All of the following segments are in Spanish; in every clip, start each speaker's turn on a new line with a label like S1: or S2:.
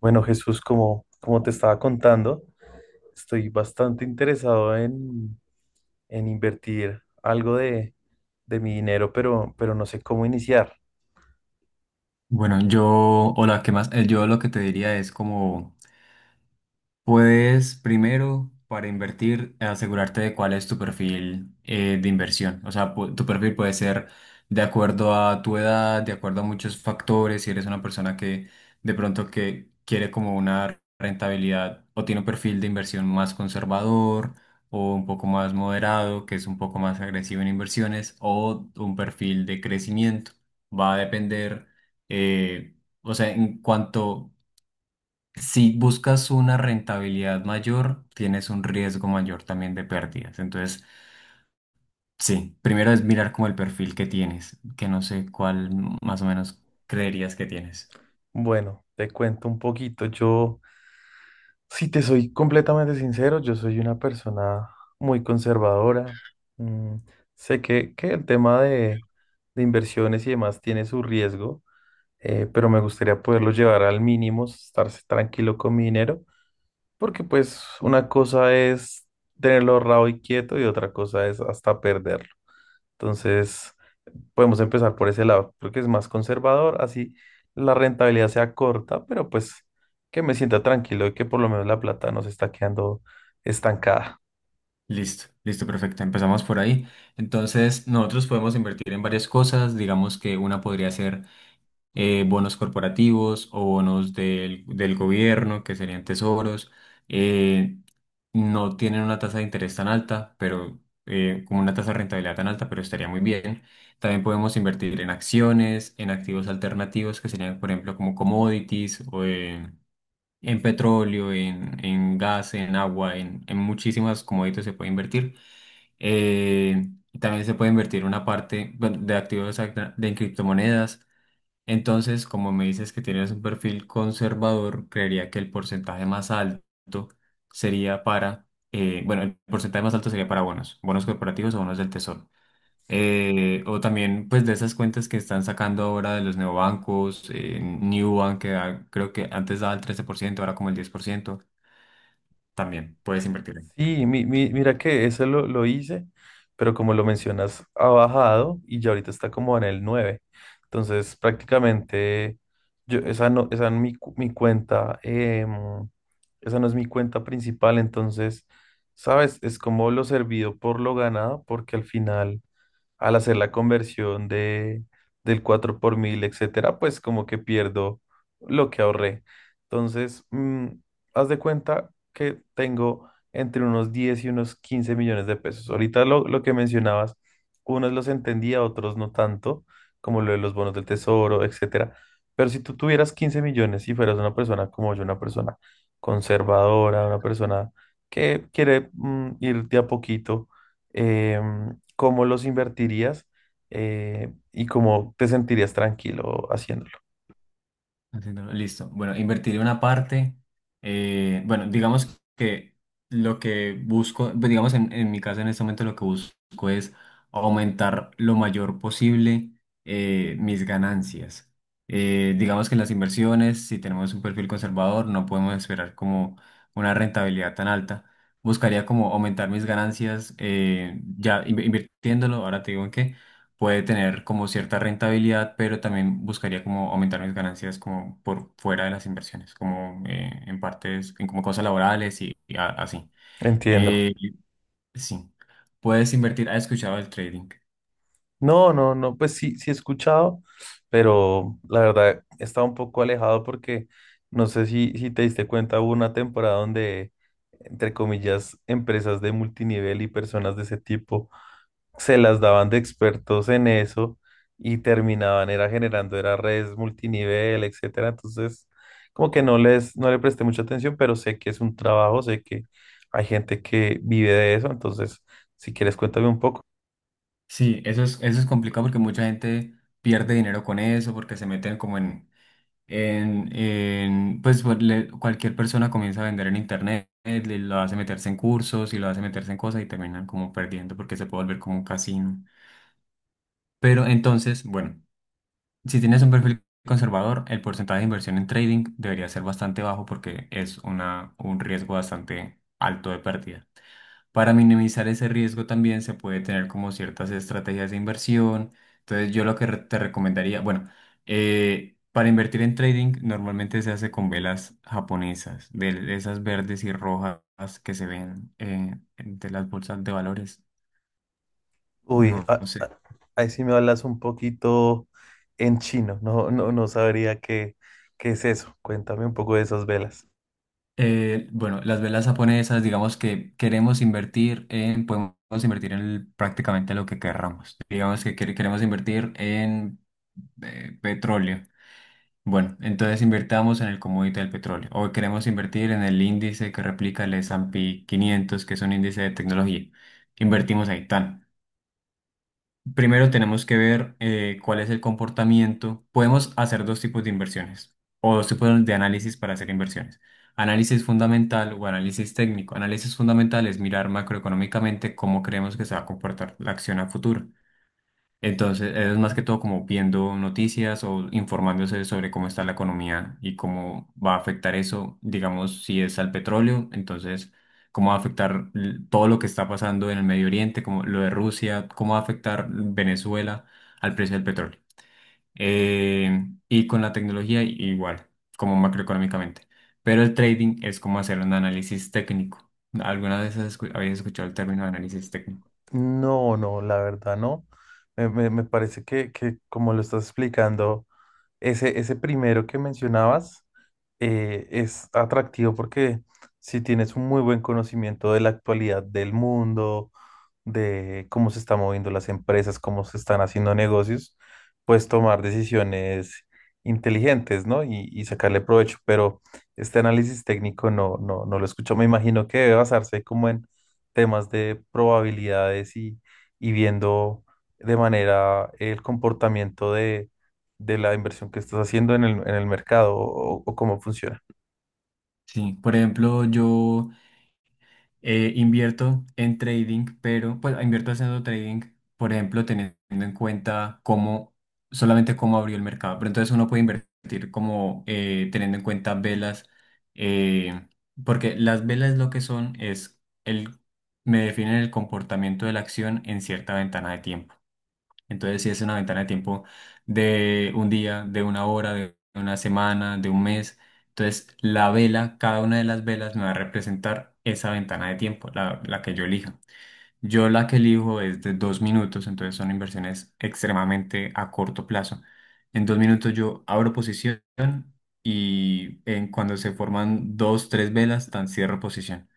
S1: Bueno, Jesús, como te estaba contando, estoy bastante interesado en invertir algo de mi dinero, pero no sé cómo iniciar.
S2: Bueno, hola, ¿qué más? Yo lo que te diría es como, puedes primero, para invertir, asegurarte de cuál es tu perfil de inversión. O sea, tu perfil puede ser de acuerdo a tu edad, de acuerdo a muchos factores. Si eres una persona que de pronto que quiere como una rentabilidad o tiene un perfil de inversión más conservador o un poco más moderado, que es un poco más agresivo en inversiones, o un perfil de crecimiento. Va a depender, eh, o sea, en cuanto si buscas una rentabilidad mayor, tienes un riesgo mayor también de pérdidas. Entonces, sí, primero es mirar como el perfil que tienes, que no sé cuál más o menos creerías que tienes.
S1: Bueno, te cuento un poquito. Yo Si te soy completamente sincero, yo soy una persona muy conservadora. Mm, Sé que el tema de inversiones y demás tiene su riesgo, pero me gustaría poderlo llevar al mínimo, estar tranquilo con mi dinero, porque pues una cosa es tenerlo ahorrado y quieto y otra cosa es hasta perderlo. Entonces, podemos empezar por ese lado. Creo que es más conservador, así la rentabilidad sea corta, pero pues que me sienta tranquilo de que por lo menos la plata no se está quedando estancada.
S2: Listo, listo, perfecto. Empezamos por ahí. Entonces, nosotros podemos invertir en varias cosas. Digamos que una podría ser bonos corporativos o bonos del gobierno, que serían tesoros. eh, no tienen una tasa de interés tan alta, pero como una tasa de rentabilidad tan alta, pero estaría muy bien. También podemos invertir en acciones, en activos alternativos, que serían, por ejemplo, como commodities o en petróleo, en gas, en agua, en muchísimas commodities se puede invertir. Eh, También se puede invertir una parte bueno, de activos de criptomonedas entonces, como me dices que tienes un perfil conservador, creería que el porcentaje más alto sería para, bueno, el porcentaje más alto sería para bonos, bonos corporativos o bonos del tesoro. O también, pues, de esas cuentas que están sacando ahora de los neobancos, Nubank, que creo que antes daba el 13% ahora como el 10%, también puedes invertir.
S1: Sí, mira que eso lo hice, pero como lo mencionas, ha bajado y ya ahorita está como en el nueve. Entonces, prácticamente, esa no es mi cuenta, esa no es mi cuenta principal, entonces, ¿sabes? Es como lo servido por lo ganado, porque al final, al hacer la conversión del 4 por mil, etcétera, pues como que pierdo lo que ahorré. Entonces, haz de cuenta que tengo entre unos 10 y unos 15 millones de pesos. Ahorita lo que mencionabas, unos los entendía, otros no tanto, como lo de los bonos del tesoro, etcétera. Pero si tú tuvieras 15 millones y fueras una persona como yo, una persona conservadora, una persona que quiere ir de a poquito, cómo los invertirías y cómo te sentirías tranquilo haciéndolo.
S2: Haciéndolo, listo. Bueno, invertiré una parte. Bueno, digamos que lo que busco, pues, digamos en mi caso en este momento lo que busco es aumentar lo mayor posible mis ganancias. Digamos que en las inversiones, si tenemos un perfil conservador, no podemos esperar como una rentabilidad tan alta. Buscaría como aumentar mis ganancias ya invirtiéndolo, ahora te digo en qué puede tener como cierta rentabilidad, pero también buscaría como aumentar mis ganancias como por fuera de las inversiones, como en partes, en como cosas laborales y así.
S1: Entiendo.
S2: Eh, sí, puedes invertir, ¿has escuchado el trading?
S1: No, no, no, pues sí, sí he escuchado, pero la verdad estaba un poco alejado porque no sé si te diste cuenta, hubo una temporada donde, entre comillas, empresas de multinivel y personas de ese tipo se las daban de expertos en eso y terminaban era generando era redes multinivel, etcétera. Entonces, como que no le presté mucha atención, pero sé que es un trabajo, sé que hay gente que vive de eso, entonces si quieres cuéntame un poco.
S2: Sí, eso es complicado porque mucha gente pierde dinero con eso, porque se meten como en pues, cualquier persona comienza a vender en internet, lo hace meterse en cursos y lo hace meterse en cosas y terminan como perdiendo porque se puede volver como un casino. Pero entonces, bueno. Si tienes un perfil conservador, el porcentaje de inversión en trading debería ser bastante bajo porque es un riesgo bastante alto de pérdida. Para minimizar ese riesgo también se puede tener como ciertas estrategias de inversión. Entonces yo lo que te recomendaría, bueno, para invertir en trading normalmente se hace con velas japonesas, de esas verdes y rojas que se ven de las bolsas de valores.
S1: Uy,
S2: No, sé.
S1: ahí sí me hablas un poquito en chino, no sabría qué es eso. Cuéntame un poco de esas velas.
S2: Bueno, las velas japonesas, digamos que queremos invertir en, podemos invertir en prácticamente lo que querramos. Digamos que queremos invertir en petróleo. Bueno, entonces invertamos en el commodity del petróleo. O queremos invertir en el índice que replica el S&P 500, que es un índice de tecnología. Invertimos ahí, tan. Primero tenemos que ver cuál es el comportamiento. Podemos hacer dos tipos de inversiones o dos tipos de análisis para hacer inversiones. Análisis fundamental o análisis técnico. Análisis fundamental es mirar macroeconómicamente cómo creemos que se va a comportar la acción a futuro. Entonces, es más que todo como viendo noticias o informándose sobre cómo está la economía y cómo va a afectar eso, digamos, si es al petróleo, entonces, cómo va a afectar todo lo que está pasando en el Medio Oriente, como lo de Rusia, cómo va a afectar Venezuela al precio del petróleo. Y con la tecnología igual, como macroeconómicamente. Pero el trading es como hacer un análisis técnico. ¿Alguna vez habéis escuchado el término de análisis técnico?
S1: No, no, la verdad no. Me parece que como lo estás explicando, ese primero que mencionabas es atractivo porque si tienes un muy buen conocimiento de la actualidad del mundo, de cómo se están moviendo las empresas, cómo se están haciendo negocios, pues tomar decisiones inteligentes, ¿no? Y sacarle provecho. Pero este análisis técnico no lo escucho. Me imagino que debe basarse como en temas de probabilidades y viendo de manera el comportamiento de la inversión que estás haciendo en el mercado o cómo funciona.
S2: Sí, por ejemplo, invierto en trading, pero pues invierto haciendo trading, por ejemplo, teniendo en cuenta solamente cómo abrió el mercado. Pero entonces uno puede invertir como teniendo en cuenta velas, eh, porque las velas lo que son me definen el comportamiento de la acción en cierta ventana de tiempo. Entonces sí es una ventana de tiempo de un día, de una hora, de una semana, de un mes. Entonces la vela, cada una de las velas me va a representar esa ventana de tiempo, la que yo elija. Yo la que elijo es de 2 minutos, entonces son inversiones extremadamente a corto plazo. En 2 minutos yo abro posición y en cuando se forman dos, tres velas, tan cierro posición.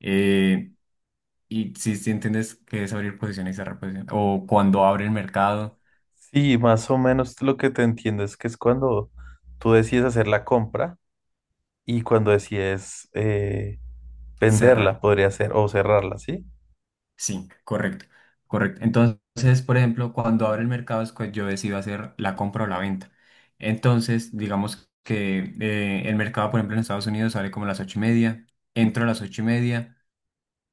S2: Eh, y si entiendes que es abrir posición y cerrar posición, o cuando abre el mercado.
S1: Sí, más o menos lo que te entiendo es que es cuando tú decides hacer la compra y cuando decides venderla,
S2: Cerrar.
S1: podría ser, o cerrarla, ¿sí?
S2: Sí, correcto, correcto. Entonces, por ejemplo, cuando abre el mercado es cuando yo decido hacer la compra o la venta. Entonces, digamos que el mercado, por ejemplo, en Estados Unidos sale como a las 8:30, entro a las 8:30,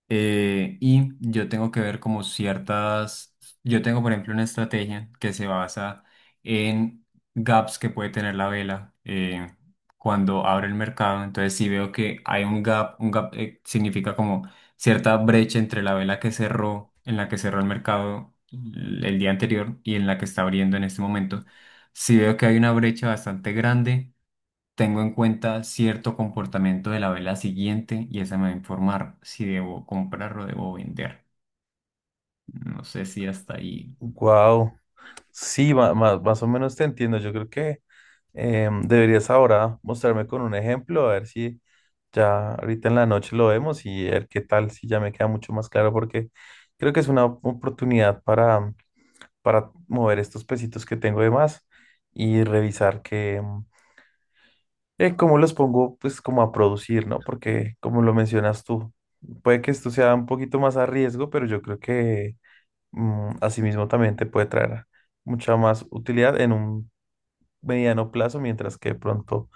S2: y yo tengo que ver yo tengo por ejemplo una estrategia que se basa en gaps que puede tener la vela cuando abre el mercado. Entonces si veo que hay un gap, significa como cierta brecha entre la vela que cerró, en la que cerró el mercado el día anterior y en la que está abriendo en este momento. Si veo que hay una brecha bastante grande tengo en cuenta cierto comportamiento de la vela siguiente y esa me va a informar si debo comprar o debo vender. No sé si hasta ahí.
S1: Wow, sí, más o menos te entiendo. Yo creo que deberías ahora mostrarme con un ejemplo, a ver si ya ahorita en la noche lo vemos y ver qué tal, si ya me queda mucho más claro, porque creo que es una oportunidad para mover estos pesitos que tengo de más y revisar que, cómo los pongo pues como a producir, ¿no? Porque como lo mencionas tú, puede que esto sea un poquito más a riesgo, pero yo creo que asimismo también te puede traer mucha más utilidad en un mediano plazo, mientras que de pronto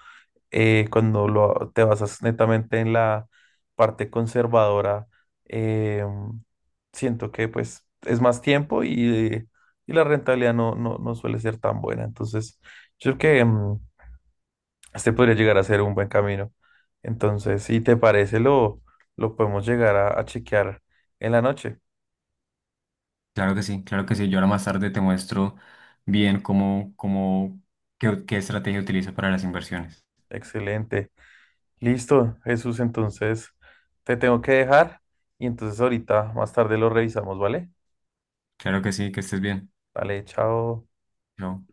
S1: cuando te basas netamente en la parte conservadora, eh, siento que pues es más tiempo y la rentabilidad no suele ser tan buena. Entonces, yo creo que este podría llegar a ser un buen camino. Entonces, si te parece, lo podemos llegar a chequear en la noche.
S2: Claro que sí, claro que sí. Yo ahora más tarde te muestro bien qué estrategia utilizo para las inversiones.
S1: Excelente. Listo, Jesús. Entonces, te tengo que dejar y entonces ahorita más tarde lo revisamos, ¿vale?
S2: Claro que sí, que estés bien.
S1: Vale, chao.
S2: Chao.